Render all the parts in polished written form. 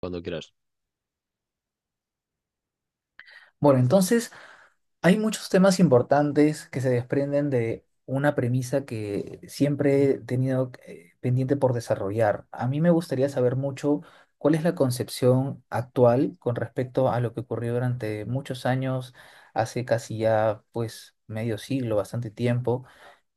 Cuando quieras. Bueno, entonces hay muchos temas importantes que se desprenden de una premisa que siempre he tenido pendiente por desarrollar. A mí me gustaría saber mucho cuál es la concepción actual con respecto a lo que ocurrió durante muchos años, hace casi ya pues medio siglo, bastante tiempo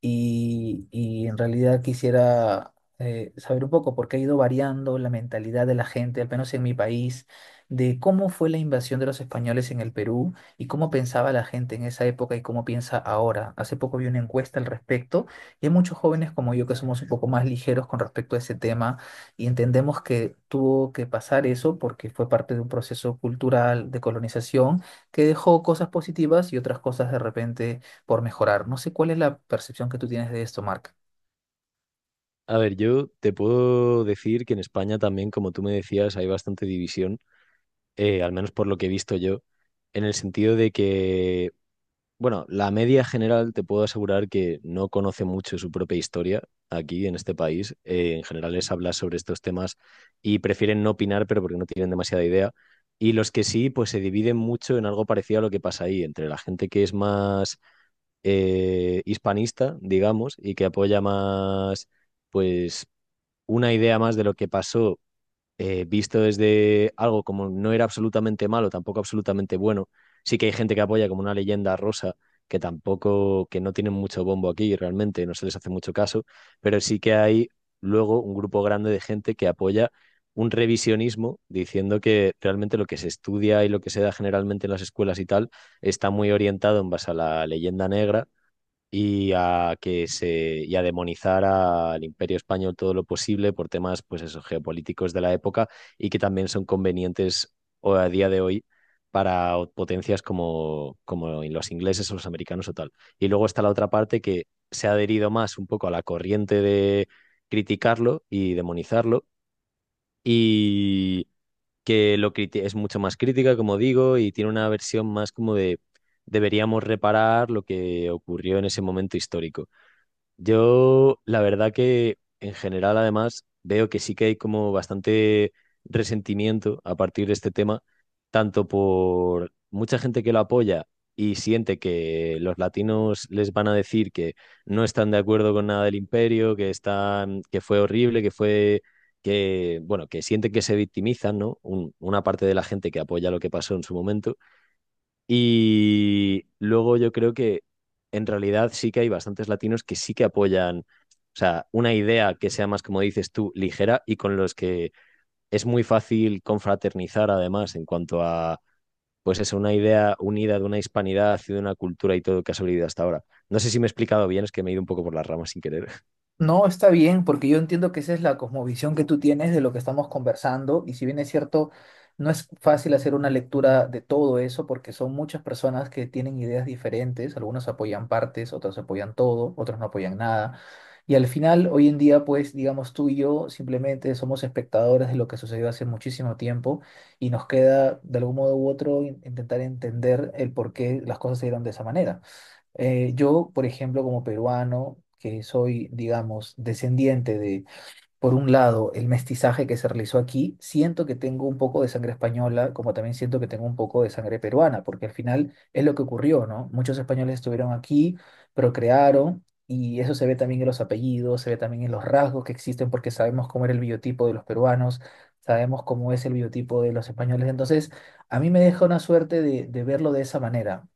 y en realidad quisiera saber un poco porque ha ido variando la mentalidad de la gente, al menos en mi país, de cómo fue la invasión de los españoles en el Perú y cómo pensaba la gente en esa época y cómo piensa ahora. Hace poco vi una encuesta al respecto y hay muchos jóvenes como yo que somos un poco más ligeros con respecto a ese tema y entendemos que tuvo que pasar eso porque fue parte de un proceso cultural de colonización que dejó cosas positivas y otras cosas de repente por mejorar. No sé cuál es la percepción que tú tienes de esto, Mark. A ver, yo te puedo decir que en España también, como tú me decías, hay bastante división, al menos por lo que he visto yo, en el sentido de que, bueno, la media general te puedo asegurar que no conoce mucho su propia historia aquí en este país. En general les habla sobre estos temas y prefieren no opinar, pero porque no tienen demasiada idea. Y los que sí, pues se dividen mucho en algo parecido a lo que pasa ahí, entre la gente que es más hispanista, digamos, y que apoya más pues una idea más de lo que pasó, visto desde algo como no era absolutamente malo, tampoco absolutamente bueno. Sí que hay gente que apoya como una leyenda rosa, que tampoco, que no tienen mucho bombo aquí realmente, no se les hace mucho caso, pero sí que hay luego un grupo grande de gente que apoya un revisionismo diciendo que realmente lo que se estudia y lo que se da generalmente en las escuelas y tal está muy orientado en base a la leyenda negra y a que se y a demonizar al Imperio Español todo lo posible por temas, pues eso, geopolíticos de la época y que también son convenientes a día de hoy para potencias como, los ingleses o los americanos o tal. Y luego está la otra parte que se ha adherido más un poco a la corriente de criticarlo y demonizarlo y es mucho más crítica, como digo, y tiene una versión más como de deberíamos reparar lo que ocurrió en ese momento histórico. Yo, la verdad que en general, además, veo que sí que hay como bastante resentimiento a partir de este tema, tanto por mucha gente que lo apoya y siente que los latinos les van a decir que no están de acuerdo con nada del imperio, que están, que fue horrible, que, bueno, que sienten que se victimizan, ¿no? Una parte de la gente que apoya lo que pasó en su momento. Y luego yo creo que en realidad sí que hay bastantes latinos que sí que apoyan, o sea, una idea que sea más, como dices tú, ligera, y con los que es muy fácil confraternizar, además, en cuanto a, pues, es una idea unida de una hispanidad y de una cultura y todo que ha sobrevivido hasta ahora. No sé si me he explicado bien, es que me he ido un poco por las ramas sin querer. No, está bien, porque yo entiendo que esa es la cosmovisión que tú tienes de lo que estamos conversando, y si bien es cierto, no es fácil hacer una lectura de todo eso, porque son muchas personas que tienen ideas diferentes, algunos apoyan partes, otros apoyan todo, otros no apoyan nada, y al final, hoy en día, pues, digamos, tú y yo simplemente somos espectadores de lo que sucedió hace muchísimo tiempo, y nos queda, de algún modo u otro, intentar entender el por qué las cosas se dieron de esa manera. Yo, por ejemplo, como peruano, que soy, digamos, descendiente de, por un lado, el mestizaje que se realizó aquí, siento que tengo un poco de sangre española, como también siento que tengo un poco de sangre peruana, porque al final es lo que ocurrió, ¿no? Muchos españoles estuvieron aquí, procrearon, y eso se ve también en los apellidos, se ve también en los rasgos que existen, porque sabemos cómo era el biotipo de los peruanos, sabemos cómo es el biotipo de los españoles. Entonces, a mí me deja una suerte de verlo de esa manera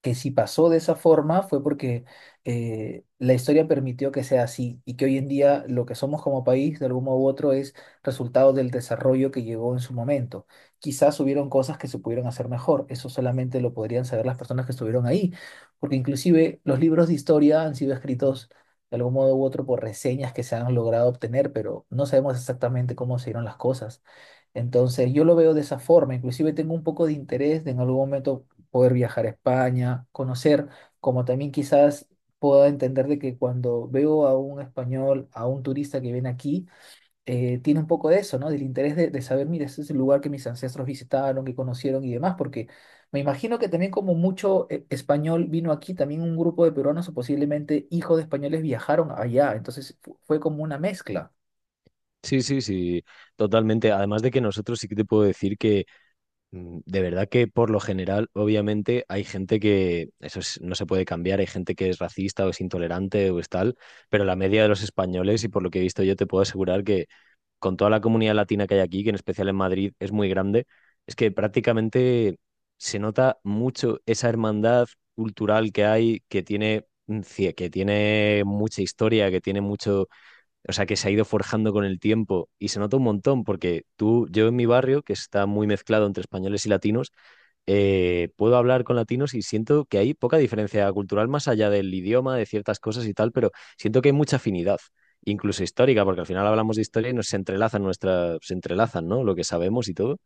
que si pasó de esa forma fue porque la historia permitió que sea así y que hoy en día lo que somos como país de algún modo u otro es resultado del desarrollo que llegó en su momento. Quizás hubieron cosas que se pudieron hacer mejor, eso solamente lo podrían saber las personas que estuvieron ahí, porque inclusive los libros de historia han sido escritos de algún modo u otro por reseñas que se han logrado obtener, pero no sabemos exactamente cómo se dieron las cosas. Entonces, yo lo veo de esa forma. Inclusive tengo un poco de interés de en algún momento poder viajar a España, conocer, como también quizás pueda entender de que cuando veo a un español, a un turista que viene aquí, tiene un poco de eso, ¿no? Del interés de saber, mira, este es el lugar que mis ancestros visitaron, que conocieron y demás, porque me imagino que también como mucho español vino aquí, también un grupo de peruanos o posiblemente hijos de españoles viajaron allá, entonces fue como una mezcla. Sí, sí, sí, totalmente. Además de que nosotros sí que te puedo decir que de verdad que por lo general, obviamente, hay gente que no se puede cambiar, hay gente que es racista o es intolerante o es tal, pero la media de los españoles, y por lo que he visto yo, te puedo asegurar que con toda la comunidad latina que hay aquí, que en especial en Madrid es muy grande, es que prácticamente se nota mucho esa hermandad cultural que hay, que tiene, que tiene mucha historia, que tiene mucho, o sea, que se ha ido forjando con el tiempo y se nota un montón porque tú, yo en mi barrio, que está muy mezclado entre españoles y latinos, puedo hablar con latinos y siento que hay poca diferencia cultural más allá del idioma, de ciertas cosas y tal, pero siento que hay mucha afinidad, incluso histórica, porque al final hablamos de historia y nos se entrelazan nuestras, se entrelazan, ¿no? Lo que sabemos y todo.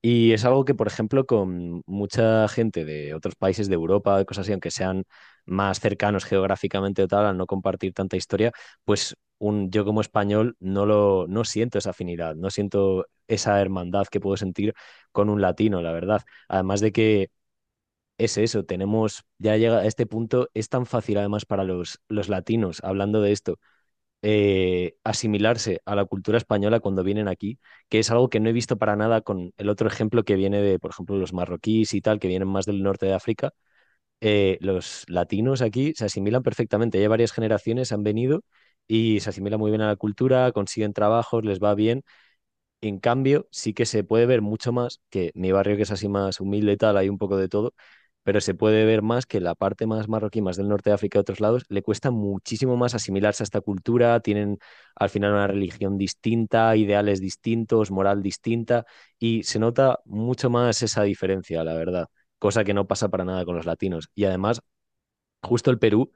Y es algo que, por ejemplo, con mucha gente de otros países de Europa, de cosas así, aunque sean más cercanos geográficamente o tal, al no compartir tanta historia, pues yo como español no siento esa afinidad, no siento esa hermandad que puedo sentir con un latino, la verdad. Además de que es eso, tenemos, ya llega a este punto, es tan fácil además para los latinos, hablando de esto, asimilarse a la cultura española cuando vienen aquí, que es algo que no he visto para nada con el otro ejemplo que viene de, por ejemplo, los marroquíes y tal, que vienen más del norte de África. Los latinos aquí se asimilan perfectamente, ya varias generaciones han venido y se asimilan muy bien a la cultura, consiguen trabajos, les va bien. En cambio, sí que se puede ver mucho más que mi barrio, que es así más humilde y tal, hay un poco de todo, pero se puede ver más que la parte más marroquí, más del norte de África, y otros lados, le cuesta muchísimo más asimilarse a esta cultura, tienen al final una religión distinta, ideales distintos, moral distinta, y se nota mucho más esa diferencia, la verdad, cosa que no pasa para nada con los latinos. Y además, justo el Perú,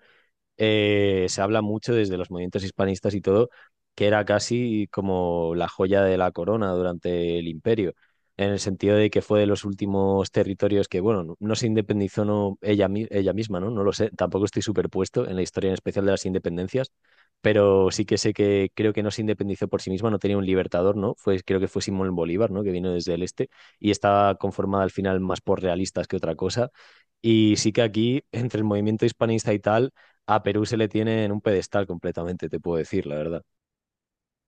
se habla mucho desde los movimientos hispanistas y todo, que era casi como la joya de la corona durante el imperio, en el sentido de que fue de los últimos territorios que, bueno, no, no se independizó, no, ella, ella misma, ¿no? No lo sé, tampoco estoy superpuesto en la historia en especial de las independencias, pero sí que sé que creo que no se independizó por sí misma, no tenía un libertador, ¿no? Fue, creo que fue Simón Bolívar, ¿no? Que vino desde el este y estaba conformada al final más por realistas que otra cosa. Y sí que aquí, entre el movimiento hispanista y tal, a Perú se le tiene en un pedestal completamente, te puedo decir, la verdad.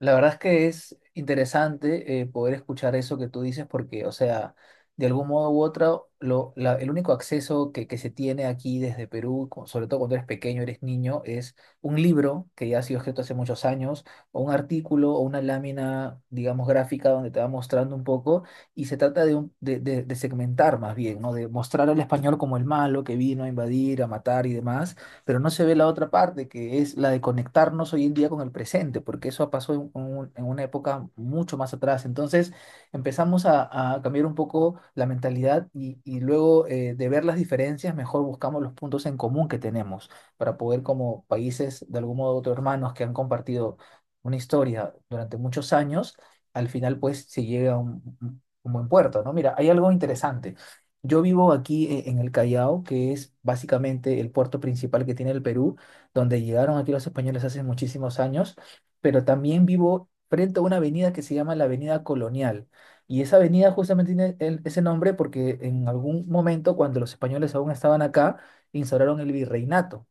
La verdad es que es interesante poder escuchar eso que tú dices porque, o sea, de algún modo u otro, el único acceso que se tiene aquí desde Perú, sobre todo cuando eres pequeño, eres niño, es un libro que ya ha sido escrito hace muchos años, o un artículo o una lámina, digamos, gráfica donde te va mostrando un poco y se trata de, de segmentar más bien, ¿no? De mostrar al español como el malo que vino a invadir, a matar y demás, pero no se ve la otra parte, que es la de conectarnos hoy en día con el presente, porque eso pasó en, en una época mucho más atrás. Entonces empezamos a cambiar un poco la mentalidad y luego de ver las diferencias, mejor buscamos los puntos en común que tenemos para poder como países de algún modo u otro hermanos que han compartido una historia durante muchos años, al final pues se llega a un buen puerto, ¿no? Mira, hay algo interesante. Yo vivo aquí en el Callao, que es básicamente el puerto principal que tiene el Perú, donde llegaron aquí los españoles hace muchísimos años, pero también vivo frente a una avenida que se llama la Avenida Colonial. Y esa avenida justamente tiene ese nombre porque en algún momento, cuando los españoles aún estaban acá, instauraron el virreinato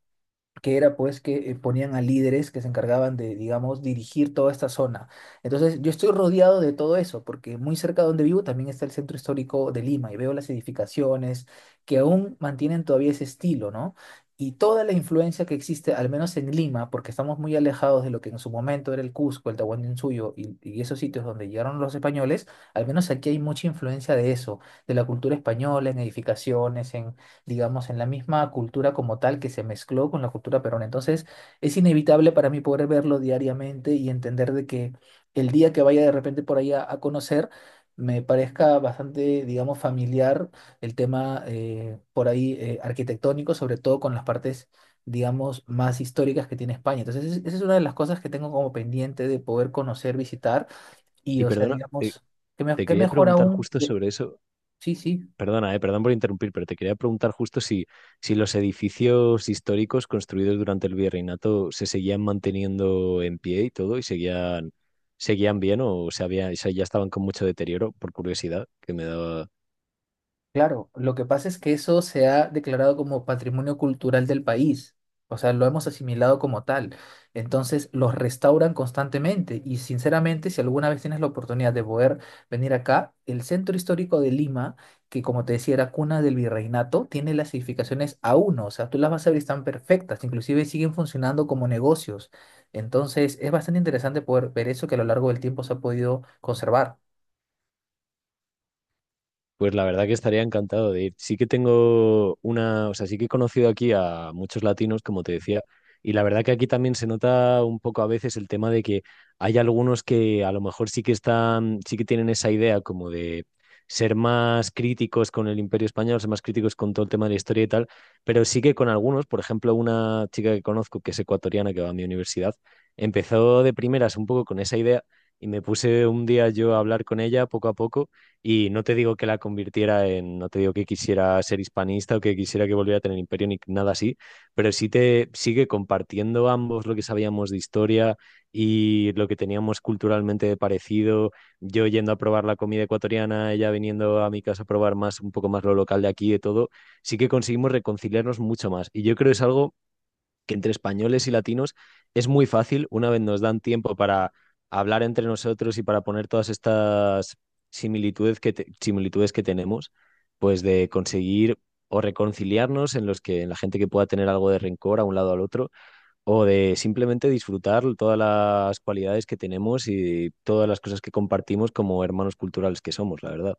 que era pues que ponían a líderes que se encargaban de, digamos, dirigir toda esta zona. Entonces, yo estoy rodeado de todo eso, porque muy cerca de donde vivo también está el centro histórico de Lima y veo las edificaciones que aún mantienen todavía ese estilo, ¿no? Y toda la influencia que existe, al menos en Lima, porque estamos muy alejados de lo que en su momento era el Cusco, el Tahuantinsuyo y esos sitios donde llegaron los españoles, al menos aquí hay mucha influencia de eso, de la cultura española, en edificaciones, digamos, en la misma cultura como tal que se mezcló con la cultura peruana. Entonces, es inevitable para mí poder verlo diariamente y entender de que el día que vaya de repente por ahí a conocer, me parezca bastante, digamos, familiar el tema por ahí arquitectónico, sobre todo con las partes, digamos, más históricas que tiene España. Entonces, esa es una de las cosas que tengo como pendiente de poder conocer, visitar y, Y o sea, perdona, te, digamos, que, te que quería mejor preguntar aún, justo de- sobre eso. sí, sí. Perdona, perdón por interrumpir, pero te quería preguntar justo si, si los edificios históricos construidos durante el virreinato se seguían manteniendo en pie y todo, y seguían, seguían bien, o se había, ya estaban con mucho deterioro, por curiosidad, que me daba. Claro, lo que pasa es que eso se ha declarado como patrimonio cultural del país, o sea, lo hemos asimilado como tal. Entonces, los restauran constantemente y sinceramente, si alguna vez tienes la oportunidad de poder venir acá, el centro histórico de Lima, que como te decía era cuna del virreinato, tiene las edificaciones A1, o sea, tú las vas a ver, y están perfectas, inclusive siguen funcionando como negocios. Entonces, es bastante interesante poder ver eso que a lo largo del tiempo se ha podido conservar. Pues la verdad que estaría encantado de ir. Sí que tengo una, o sea, sí que he conocido aquí a muchos latinos, como te decía, y la verdad que aquí también se nota un poco a veces el tema de que hay algunos que a lo mejor sí que están, sí que tienen esa idea como de ser más críticos con el Imperio Español, ser más críticos con todo el tema de la historia y tal, pero sí que con algunos, por ejemplo, una chica que conozco que es ecuatoriana que va a mi universidad, empezó de primeras un poco con esa idea y me puse un día yo a hablar con ella poco a poco. Y no te digo que la convirtiera en, no te digo que quisiera ser hispanista o que quisiera que volviera a tener imperio ni nada así, pero sí te sigue compartiendo ambos lo que sabíamos de historia y lo que teníamos culturalmente de parecido, yo yendo a probar la comida ecuatoriana, ella viniendo a mi casa a probar más, un poco más lo local de aquí, de todo, sí que conseguimos reconciliarnos mucho más. Y yo creo que es algo que entre españoles y latinos es muy fácil, una vez nos dan tiempo para hablar entre nosotros y para poner todas estas similitudes que tenemos, pues de conseguir o reconciliarnos en los que en la gente que pueda tener algo de rencor a un lado al otro, o de simplemente disfrutar todas las cualidades que tenemos y todas las cosas que compartimos como hermanos culturales que somos, la verdad.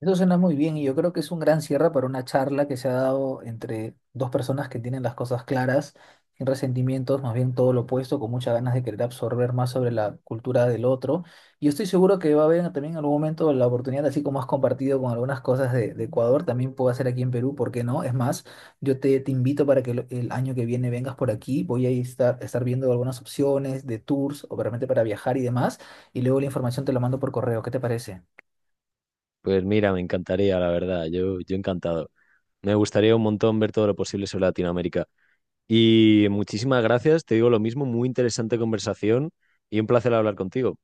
Eso suena muy bien y yo creo que es un gran cierre para una charla que se ha dado entre dos personas que tienen las cosas claras, sin resentimientos, más bien todo lo opuesto, con muchas ganas de querer absorber más sobre la cultura del otro. Y estoy seguro que va a haber también en algún momento la oportunidad, así como has compartido con algunas cosas de Ecuador, también puedo hacer aquí en Perú, ¿por qué no? Es más, yo te, te invito para que el año que viene vengas por aquí, voy a estar, estar viendo algunas opciones de tours, o realmente para viajar y demás, y luego la información te la mando por correo, ¿qué te parece? Pues mira, me encantaría, la verdad, yo encantado. Me gustaría un montón ver todo lo posible sobre Latinoamérica. Y muchísimas gracias, te digo lo mismo, muy interesante conversación y un placer hablar contigo.